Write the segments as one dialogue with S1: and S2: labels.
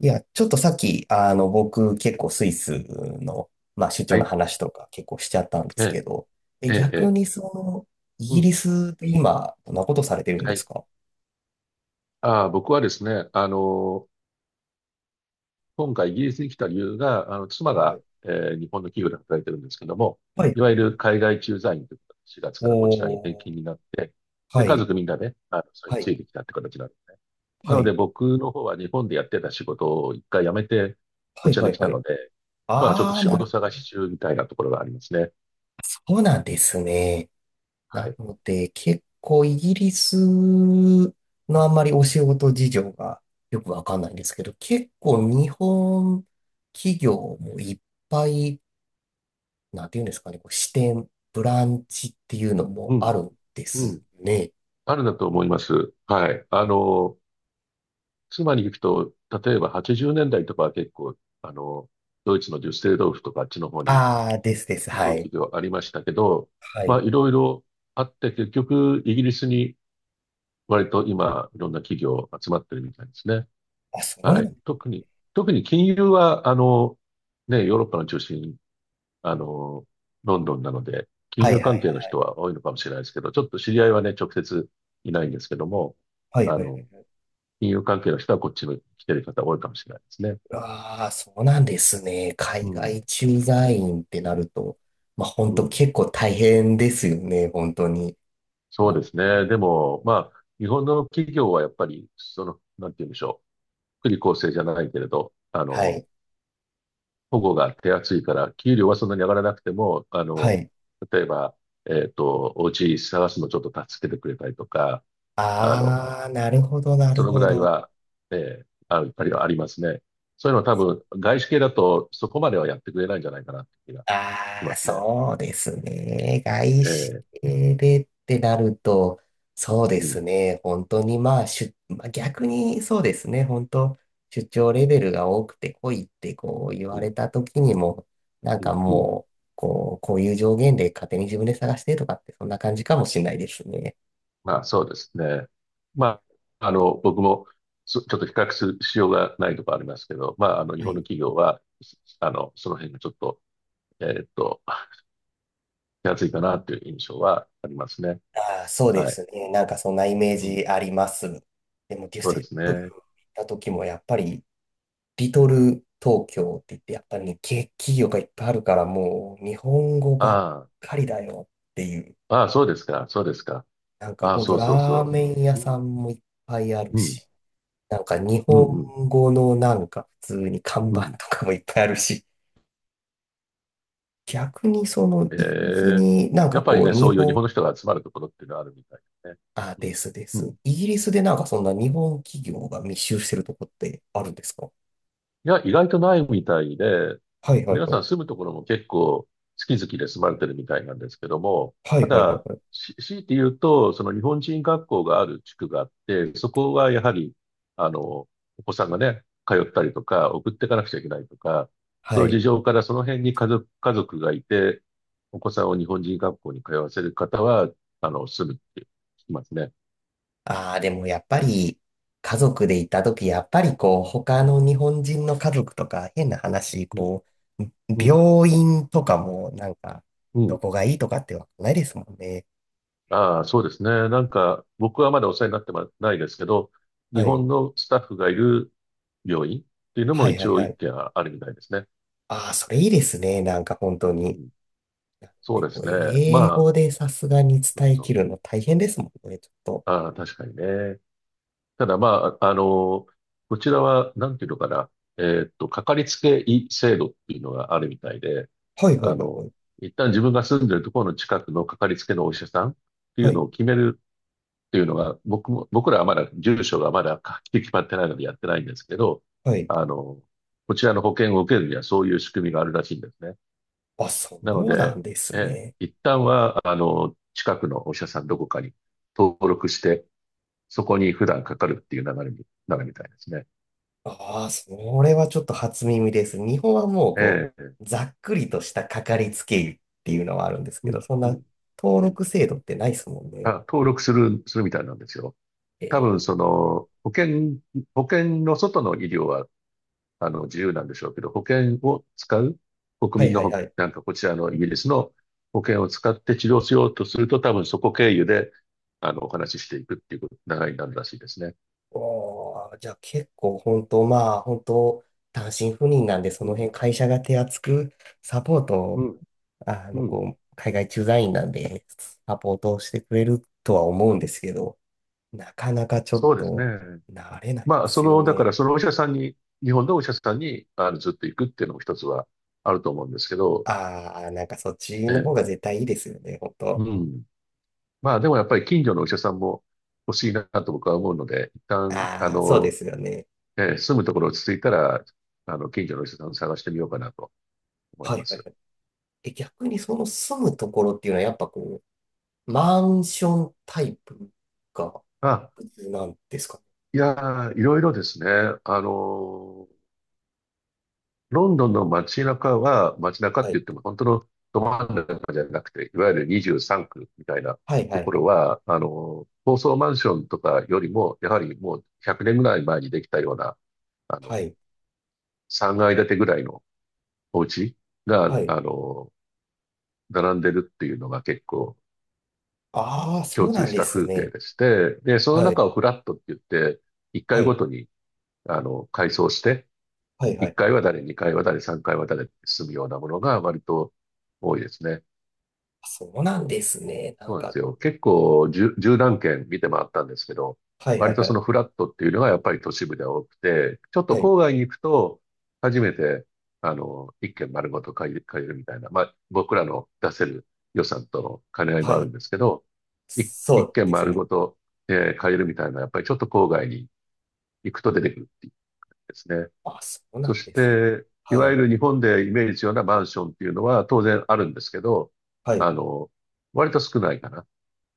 S1: いや、ちょっとさっき、僕結構スイスの、まあ、出張
S2: は
S1: の
S2: い。
S1: 話とか結構しちゃったんで
S2: え
S1: すけ
S2: え、
S1: ど、
S2: ええ、
S1: 逆
S2: ええ、
S1: にその、イ
S2: う
S1: ギ
S2: ん。
S1: リスで今、どんなことされてるん
S2: は
S1: です
S2: い。
S1: か？
S2: ああ、僕はですね、今回イギリスに来た理由が、妻が、日本の企業で働いてるんですけども、
S1: はい
S2: い
S1: は
S2: わ
S1: い
S2: ゆ
S1: はいは
S2: る
S1: い。
S2: 海外駐在員ということで、4月からこちらに転
S1: おー、
S2: 勤になって、で、
S1: は
S2: 家
S1: い、
S2: 族みんなね、それに
S1: は
S2: つ
S1: い、
S2: いてきたって形なんですね。な
S1: は
S2: ので
S1: い、
S2: 僕の方は日本でやってた仕事を一回辞めて、こ
S1: はい、
S2: ちら
S1: は
S2: に
S1: い、
S2: 来た
S1: はい。
S2: ので、まあちょっと
S1: あー、
S2: 仕
S1: な
S2: 事
S1: る、
S2: 探し中みたいなところがありますね。
S1: そうなんですね。
S2: は
S1: な
S2: い。
S1: ので、結構イギリスのあんまりお仕事事情がよくわかんないんですけど、結構日本企業もいっぱい、なんていうんですかね、こう支店、ブランチっていうの
S2: う
S1: もあ
S2: ん、
S1: るんで
S2: う
S1: す
S2: ん。
S1: ね。
S2: あるんだと思います。はい。妻に行くと、例えば80年代とかは結構、ドイツのデュッセルドルフとかあっちの方に
S1: ああ、ですです。
S2: 日
S1: は
S2: 本
S1: い。
S2: 企業ありましたけど、
S1: は
S2: まあ
S1: い。
S2: いろいろあって結局イギリスに割と今いろんな企業集まってるみたいですね。
S1: あ、そうな
S2: はい。
S1: ん、
S2: 特に金融はね、ヨーロッパの中心、あの、ロンドンなので、金
S1: はいは
S2: 融
S1: いはい。
S2: 関係の人は多いのかもしれないですけど、ちょっと知り合いはね、直接いないんですけども、
S1: はいはい
S2: あ
S1: は
S2: の、
S1: いはい。
S2: 金融関係の人はこっちに来てる方多いかもしれないですね。
S1: ああ、そうなんですね。
S2: う
S1: 海
S2: ん、
S1: 外駐在員ってなると、まあ本
S2: う
S1: 当
S2: ん、
S1: 結構大変ですよね、本当に。
S2: そう
S1: ま
S2: で
S1: あ
S2: す
S1: で
S2: ね。で
S1: も、
S2: も、まあ、日本の企業はやっぱり、なんて言うんでしょう。福利厚生じゃないけれど、
S1: はい。
S2: 保護が手厚いから、給料はそんなに上がらなくても、
S1: はい。
S2: 例えば、お家探すのちょっと助けてくれたりとか、あの、
S1: ああ、なるほど、な
S2: そ
S1: る
S2: のぐ
S1: ほ
S2: らい
S1: ど。
S2: は、ええ、やっぱりありますね。そういうのは多分、外資系だとそこまではやってくれないんじゃないかなって気がし
S1: あ
S2: ま
S1: あ、
S2: すね。
S1: そうですね。外
S2: え
S1: 資
S2: え、
S1: 系でってなると、そう
S2: う
S1: です
S2: ん、
S1: ね。本当にまあ、出まあ、逆にそうですね。本当、出張レベルが多くて来いってこう言
S2: う
S1: わ
S2: ん、
S1: れた時にも、なん
S2: う
S1: か
S2: ん、うん。
S1: もう、こう、こういう上限で勝手に自分で探してとかってそんな感じかもしれないですね。
S2: まあ、そうですね。まあ、僕も、ちょっと比較するしようがないところありますけど、まあ、日
S1: は
S2: 本の
S1: い。
S2: 企業は、すあの、その辺がちょっと、えーっと、手厚いかなという印象はありますね。
S1: ああ、そうで
S2: はい。
S1: すね。なんかそんなイメー
S2: うん。
S1: ジあります。でもデュッ
S2: そう
S1: セ
S2: で
S1: 際、
S2: す
S1: ゴル
S2: ね。
S1: フ行った時もやっぱりリトル東京って言って、やっぱりね、企業がいっぱいあるから、もう日本語ばっ
S2: あ
S1: かりだよっていう。
S2: あ、ああ、そうですか。そうですか。
S1: なんか
S2: ああ、
S1: ほんと
S2: そうそう
S1: ラー
S2: そ
S1: メン屋
S2: う。う
S1: さ
S2: ん、
S1: んもいっぱいある
S2: うん、
S1: し、なんか日
S2: うん、うん、
S1: 本語のなんか普通に看
S2: う
S1: 板
S2: ん、
S1: とかもいっぱいあるし、逆にその
S2: え
S1: イギリス
S2: え、
S1: になん
S2: や
S1: か
S2: っぱり
S1: こう
S2: ね、
S1: 日
S2: そういう日
S1: 本、
S2: 本の人が集まるところっていうのはあるみたいで
S1: あ、
S2: すね。
S1: ですで
S2: うん、う
S1: す。
S2: ん、
S1: イギリスでなんかそんな日本企業が密集してるとこってあるんですか？
S2: いや、意外とないみたいで、
S1: はいはい
S2: 皆
S1: は
S2: さ
S1: い。
S2: ん住むところも結構好き好きで住まれてるみたいなんですけども、
S1: は
S2: た
S1: いはいはい
S2: だ、
S1: はい。
S2: 強いて言うと、その日本人学校がある地区があって、そこはやはり、あの、お子さんがね、通ったりとか、送っていかなくちゃいけないとか、
S1: は
S2: そういう
S1: い。
S2: 事情からその辺に家族がいて、お子さんを日本人学校に通わせる方は、住むって聞きますね。
S1: ああ、でもやっぱり家族で行った時、やっぱりこう
S2: う
S1: 他
S2: ん、
S1: の日本人の家族とか変な話、
S2: うん、
S1: こう
S2: うん、
S1: 病院とかもなんか
S2: う
S1: ど
S2: ん、
S1: こがいいとかってわかんないですもんね。
S2: ああ、そうですね。なんか、僕はまだお世話になってまないですけど、日
S1: はい。
S2: 本のスタッフがいる病院っていうの
S1: は
S2: も
S1: い
S2: 一
S1: はい
S2: 応
S1: は
S2: 一
S1: い。
S2: 軒あるみたいですね。
S1: ああ、それいいですね。なんか本当
S2: う
S1: に。
S2: ん、そう
S1: で
S2: で
S1: こ
S2: す
S1: う
S2: ね。
S1: 英
S2: まあ、
S1: 語でさすがに
S2: そう
S1: 伝え
S2: そ
S1: き
S2: う。
S1: るの大変ですもんね、ちょっと。
S2: ああ、確かにね。ただまあ、こちらは、なんていうのかな。かかりつけ医制度っていうのがあるみたいで、
S1: はいは
S2: あ
S1: いはい
S2: の、
S1: はい。
S2: 一旦自分が住んでるところの近くのかかりつけのお医者さんっていう
S1: は
S2: の
S1: い
S2: を決めるっていうのが、僕らはまだ、住所がまだはっきり決まってないのでやってないんですけど、
S1: はい。
S2: あの、こちらの保険を受けるにはそういう仕組みがあるらしいんですね。
S1: あ、そ
S2: なの
S1: うなん
S2: で、
S1: で
S2: え
S1: す
S2: え、
S1: ね。
S2: 一旦は、近くのお医者さんどこかに登録して、そこに普段かかるっていう流れになるみたいですね。
S1: ああ、それはちょっと初耳です。日本はもうこ
S2: ええ、
S1: う、ざっくりとしたかかりつけ医っていうのはあるんです
S2: う
S1: けど、
S2: ん、
S1: そん
S2: う
S1: な
S2: ん、う
S1: 登
S2: ん。
S1: 録制度ってないですもん
S2: あ、
S1: ね。
S2: 登録するみたいなんですよ。
S1: え
S2: 多
S1: ー
S2: 分、保険の外の医療は自由なんでしょうけど、保険を使う、
S1: は
S2: 国
S1: い
S2: 民の
S1: はい
S2: ほ、
S1: はい。
S2: なんかこちらのイギリスの保険を使って治療しようとすると、多分そこ経由で、お話ししていくっていう流れになるらしいですね。
S1: おー、じゃあ結構本当、まあ本当、単身赴任なんで、そ
S2: う
S1: の
S2: ん、
S1: 辺会社が手厚くサポート
S2: う
S1: を、
S2: ん、うん。
S1: こう、海外駐在員なんで、サポートをしてくれるとは思うんですけど、なかなかちょっ
S2: そうです
S1: と
S2: ね。
S1: 慣れないで
S2: まあ、
S1: すよ
S2: だか
S1: ね。
S2: らそのお医者さんに、日本のお医者さんに、ずっと行くっていうのも一つはあると思うんですけど、
S1: ああ、なんかそっち
S2: え
S1: の方
S2: え、
S1: が絶対いいですよね、本当。
S2: うん。まあ、でもやっぱり近所のお医者さんも欲しいなと僕は思うので、一旦、
S1: ああ、そうですよね。
S2: 住むところ落ち着いたら、近所の人さん探してみようかなと思い
S1: は
S2: ま
S1: いはい
S2: す。
S1: はい。逆にその住むところっていうのはやっぱこう、マンションタイプが
S2: あ、
S1: 普通なんですかね？
S2: いやー、いろいろですね。あのーロンドンの街中は、街中っ
S1: は
S2: て
S1: い。
S2: 言っても本当のど真ん中じゃなくて、いわゆる23区みたいな
S1: はいは
S2: と
S1: い
S2: こ
S1: は
S2: ろ
S1: い。
S2: は、高層マンションとかよりも、やはりもう100年ぐらい前にできたような、あ
S1: は
S2: の、
S1: い。
S2: 3階建てぐらいのお家が、
S1: はい。
S2: 並んでるっていうのが結構
S1: ああ、そ
S2: 共
S1: うな
S2: 通
S1: ん
S2: し
S1: で
S2: た
S1: す
S2: 風景
S1: ね。
S2: でして、で、その
S1: はい。
S2: 中をフラットって言って、1
S1: は
S2: 回ご
S1: い。
S2: とに、階層して、
S1: はいは
S2: 1
S1: いはい。
S2: 回は誰、2回は誰、3回は誰って進むようなものが割と多いですね。
S1: そうなんですね。な
S2: そ
S1: ん
S2: うなんで
S1: か、
S2: すよ。結構十何軒見て回ったんですけど、
S1: はいは
S2: 割
S1: い
S2: と
S1: は
S2: そ
S1: い。
S2: のフラットっていうのがやっぱり都市部では多くて、ちょっと
S1: はい。
S2: 郊外に行くと、初めて、一軒丸ごと借りるみたいな、まあ、僕らの出せる予算との兼ね合いも
S1: は
S2: あるん
S1: い。
S2: ですけど、い
S1: そ
S2: 一
S1: う
S2: 軒
S1: です
S2: 丸
S1: ね。
S2: ごと、借りるみたいな、やっぱりちょっと郊外に行くと出てくるっていうですね。
S1: あ、そうな
S2: そ
S1: ん
S2: し
S1: です。
S2: て、い
S1: は
S2: わゆ
S1: い。
S2: る日本でイメージするようなマンションっていうのは当然あるんですけど、
S1: はい。
S2: あの、割と少ないかな。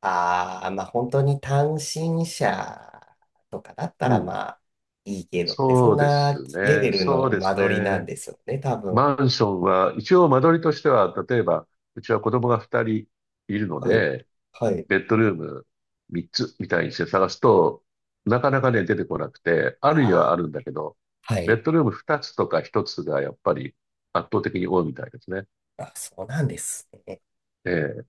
S1: ああ、まあ本当に単身者とかだった
S2: う
S1: ら
S2: ん。
S1: まあいいけどって、そ
S2: そ
S1: ん
S2: うで
S1: な
S2: す
S1: レベ
S2: ね。
S1: ル
S2: そう
S1: の
S2: で
S1: 間
S2: す
S1: 取りなん
S2: ね。
S1: ですよね、多分。
S2: マンションは、一応間取りとしては、例えば、うちは子供が2人いるの
S1: はい。
S2: で、
S1: はい。
S2: ベッドルーム3つみたいにして探すと、なかなかね、出てこなくて、あ
S1: あ
S2: るには
S1: あ、
S2: あるんだけど、
S1: は
S2: ベ
S1: い。
S2: ッドルーム2つとか1つがやっぱり圧倒的に多いみたいですね。
S1: あ、そうなんですね。
S2: ええ。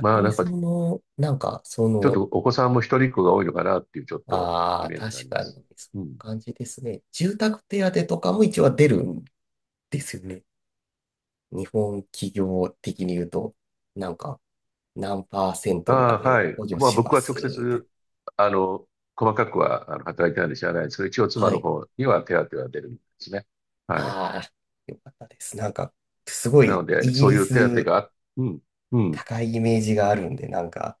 S2: まあ、
S1: に
S2: なんか、
S1: その、なんかそ
S2: ちょっ
S1: の、
S2: とお子さんも一人っ子が多いのかなっていう、ちょっと
S1: あ
S2: イ
S1: あ、
S2: メージがあ
S1: 確
S2: りま
S1: かに
S2: す。
S1: そんな
S2: うん。
S1: 感じですね。住宅手当とかも一応出るんですよね。日本企業的に言うと、なんか何パーセン
S2: あ
S1: トま
S2: あ、
S1: で
S2: はい。
S1: 補助
S2: まあ
S1: し
S2: 僕
S1: ま
S2: は
S1: す
S2: 直
S1: みたいな。
S2: 接、あの、細かくは働いてないんで知らないですけど、一応妻
S1: は
S2: の
S1: い。
S2: 方には手当は出るんですね。はい。
S1: ああ、よかったです。なんか、すご
S2: な
S1: い、
S2: ので、
S1: イギ
S2: そう
S1: リ
S2: いう手当
S1: ス
S2: があ、うん、うん。い
S1: 高いイメージがあるんで、なんか、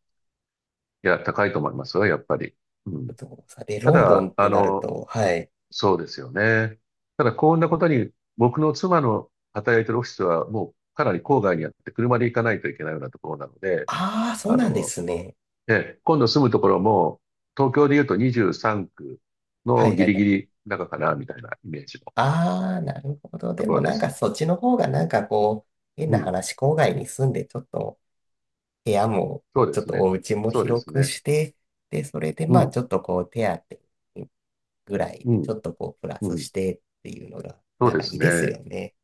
S2: や、高いと思いますよ、やっぱり。う
S1: ち
S2: ん。
S1: ょっとさ、で、
S2: た
S1: ロンド
S2: だ、
S1: ンってなると、はい。
S2: そうですよね。ただ、こんなことに、僕の妻の働いてるオフィスはもうかなり郊外にあって、車で行かないといけないようなところなので、
S1: ああ、そう
S2: あ
S1: なんで
S2: の、
S1: すね。
S2: で、今度住むところも、東京で言うと23区
S1: は
S2: の
S1: いは
S2: ギ
S1: い
S2: リ
S1: はい。
S2: ギリ中かな、みたいなイメージの
S1: ああ、なるほど。で
S2: とこ
S1: も
S2: ろで
S1: なん
S2: す。
S1: か、そっちの方がなんかこう、変
S2: う
S1: な
S2: ん。
S1: 話、郊外に住んで、ちょっと部屋も、
S2: そうで
S1: ちょっ
S2: す
S1: と
S2: ね。
S1: お家も
S2: そうで
S1: 広
S2: す
S1: く
S2: ね。
S1: して、で、それで
S2: う
S1: まあ、
S2: ん。
S1: ちょっとこう、手当ぐらい
S2: う
S1: で、ち
S2: ん。
S1: ょっとこう、プラ
S2: う
S1: ス
S2: ん。
S1: してっていうのが、
S2: そう
S1: なん
S2: で
S1: かい
S2: す
S1: いです
S2: ね。
S1: よね。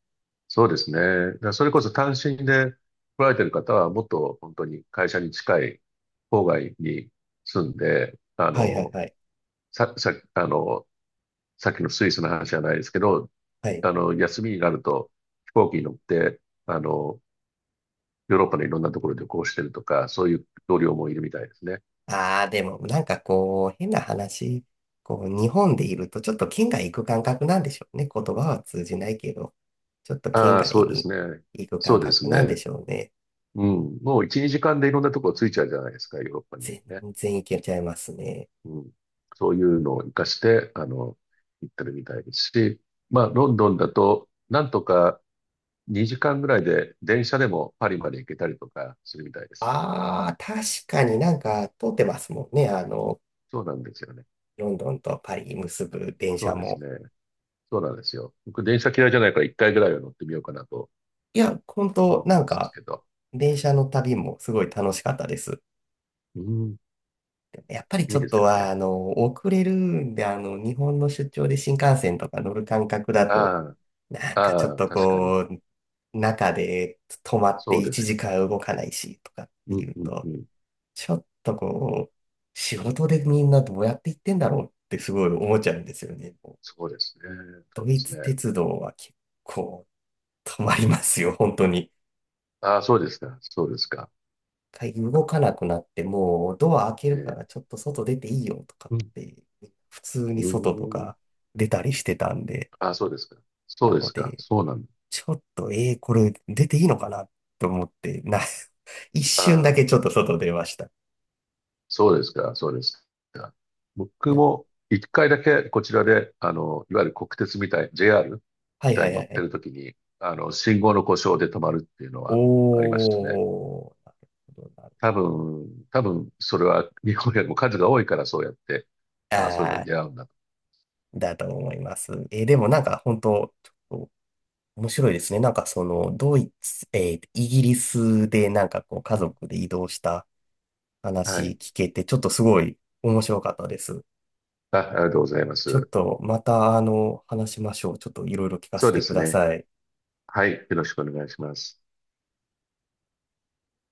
S2: そうですね。だからそれこそ単身で来られてる方は、もっと本当に会社に近い郊外に住んで、
S1: はいはいはい。
S2: さ、さ、あの、さっきのスイスの話じゃないですけど、
S1: はい。
S2: 休みになると飛行機に乗って、あの、ヨーロッパのいろんなところで旅行してるとか、そういう同僚もいるみたいですね。
S1: ああ、でも、なんかこう、変な話、こう、日本でいると、ちょっと県外行く感覚なんでしょうね。言葉は通じないけど、ちょっと県
S2: ああ、
S1: 外
S2: そうで
S1: に
S2: すね。
S1: 行く
S2: そ
S1: 感
S2: うで
S1: 覚
S2: す
S1: なんで
S2: ね。
S1: しょうね。
S2: うん。もう1、2時間でいろんなところついちゃうじゃないですか、ヨーロッパにいる
S1: 全
S2: とね。
S1: 然行けちゃいますね。
S2: うん。そういうのを活かして、行ってるみたいですし、まあ、ロンドンだと、なんとか2時間ぐらいで電車でもパリまで行けたりとかするみたいです。
S1: ああ、確かになんか通ってますもんね。
S2: そうなんですよね。
S1: ロンドンとパリ結ぶ電
S2: そ
S1: 車
S2: うです
S1: も。
S2: ね。そうなんですよ。僕、電車嫌いじゃないから1回ぐらいは乗ってみようかなと
S1: いや、本当
S2: 思って
S1: なん
S2: ます
S1: か、
S2: けど。
S1: 電車の旅もすごい楽しかったです。
S2: うん。
S1: やっぱりち
S2: いい
S1: ょっ
S2: で
S1: と
S2: すよ
S1: は、
S2: ね。
S1: 遅れるんで、日本の出張で新幹線とか乗る感覚だと、
S2: あ
S1: なん
S2: あ。
S1: かちょっ
S2: ああ、
S1: と
S2: 確かに。
S1: こう、中で止まって
S2: そうで
S1: 1
S2: すよね。
S1: 時間動かないしとかって
S2: うん、
S1: いう
S2: うん、う
S1: と、
S2: ん。
S1: ちょっとこう、仕事でみんなどうやって行ってんだろうってすごい思っちゃうんですよね。
S2: そうですね。
S1: ド
S2: そうで
S1: イ
S2: す
S1: ツ
S2: ね。
S1: 鉄道は結構止まりますよ、本当に。
S2: ああ、そうですか。そうですか。
S1: 一回動かなくなって、もうドア開け
S2: え
S1: るか
S2: え、
S1: らちょっと外出ていいよとかっ
S2: うん、
S1: て、普通
S2: う
S1: に外と
S2: ーん。
S1: か出たりしてたんで、
S2: ああ、そうですか。そ
S1: な
S2: うで
S1: の
S2: すか。
S1: で、
S2: そうなんだ。
S1: ちょっと、これ出ていいのかなと思って、一瞬だ
S2: ああ、
S1: けちょっと外出ました。い
S2: そうですか。そうですか。僕
S1: や、
S2: も一回だけこちらで、いわゆる国鉄みたい、JR
S1: は
S2: み
S1: い
S2: た
S1: は
S2: いに
S1: い
S2: 乗
S1: はい
S2: っ
S1: は
S2: て
S1: い。
S2: るときに、信号の故障で止まるっていうのはありましたね。
S1: なるほどなるほど、
S2: 多分、それは日本よりも数が多いからそうやって、そういうのに
S1: ああ
S2: 出会うんだと。
S1: だと思います。でもなんか本当、ちょっと面白いですね。なんかその、ドイツ、えー、イギリスでなんかこう家族で移動した
S2: は
S1: 話
S2: い。
S1: 聞けて、ちょっとすごい面白かったです。
S2: あ、ありがとうございま
S1: ちょっ
S2: す。
S1: とまた話しましょう。ちょっといろいろ聞か
S2: そ
S1: せ
S2: うで
S1: てく
S2: す
S1: だ
S2: ね。
S1: さい。
S2: はい。よろしくお願いします。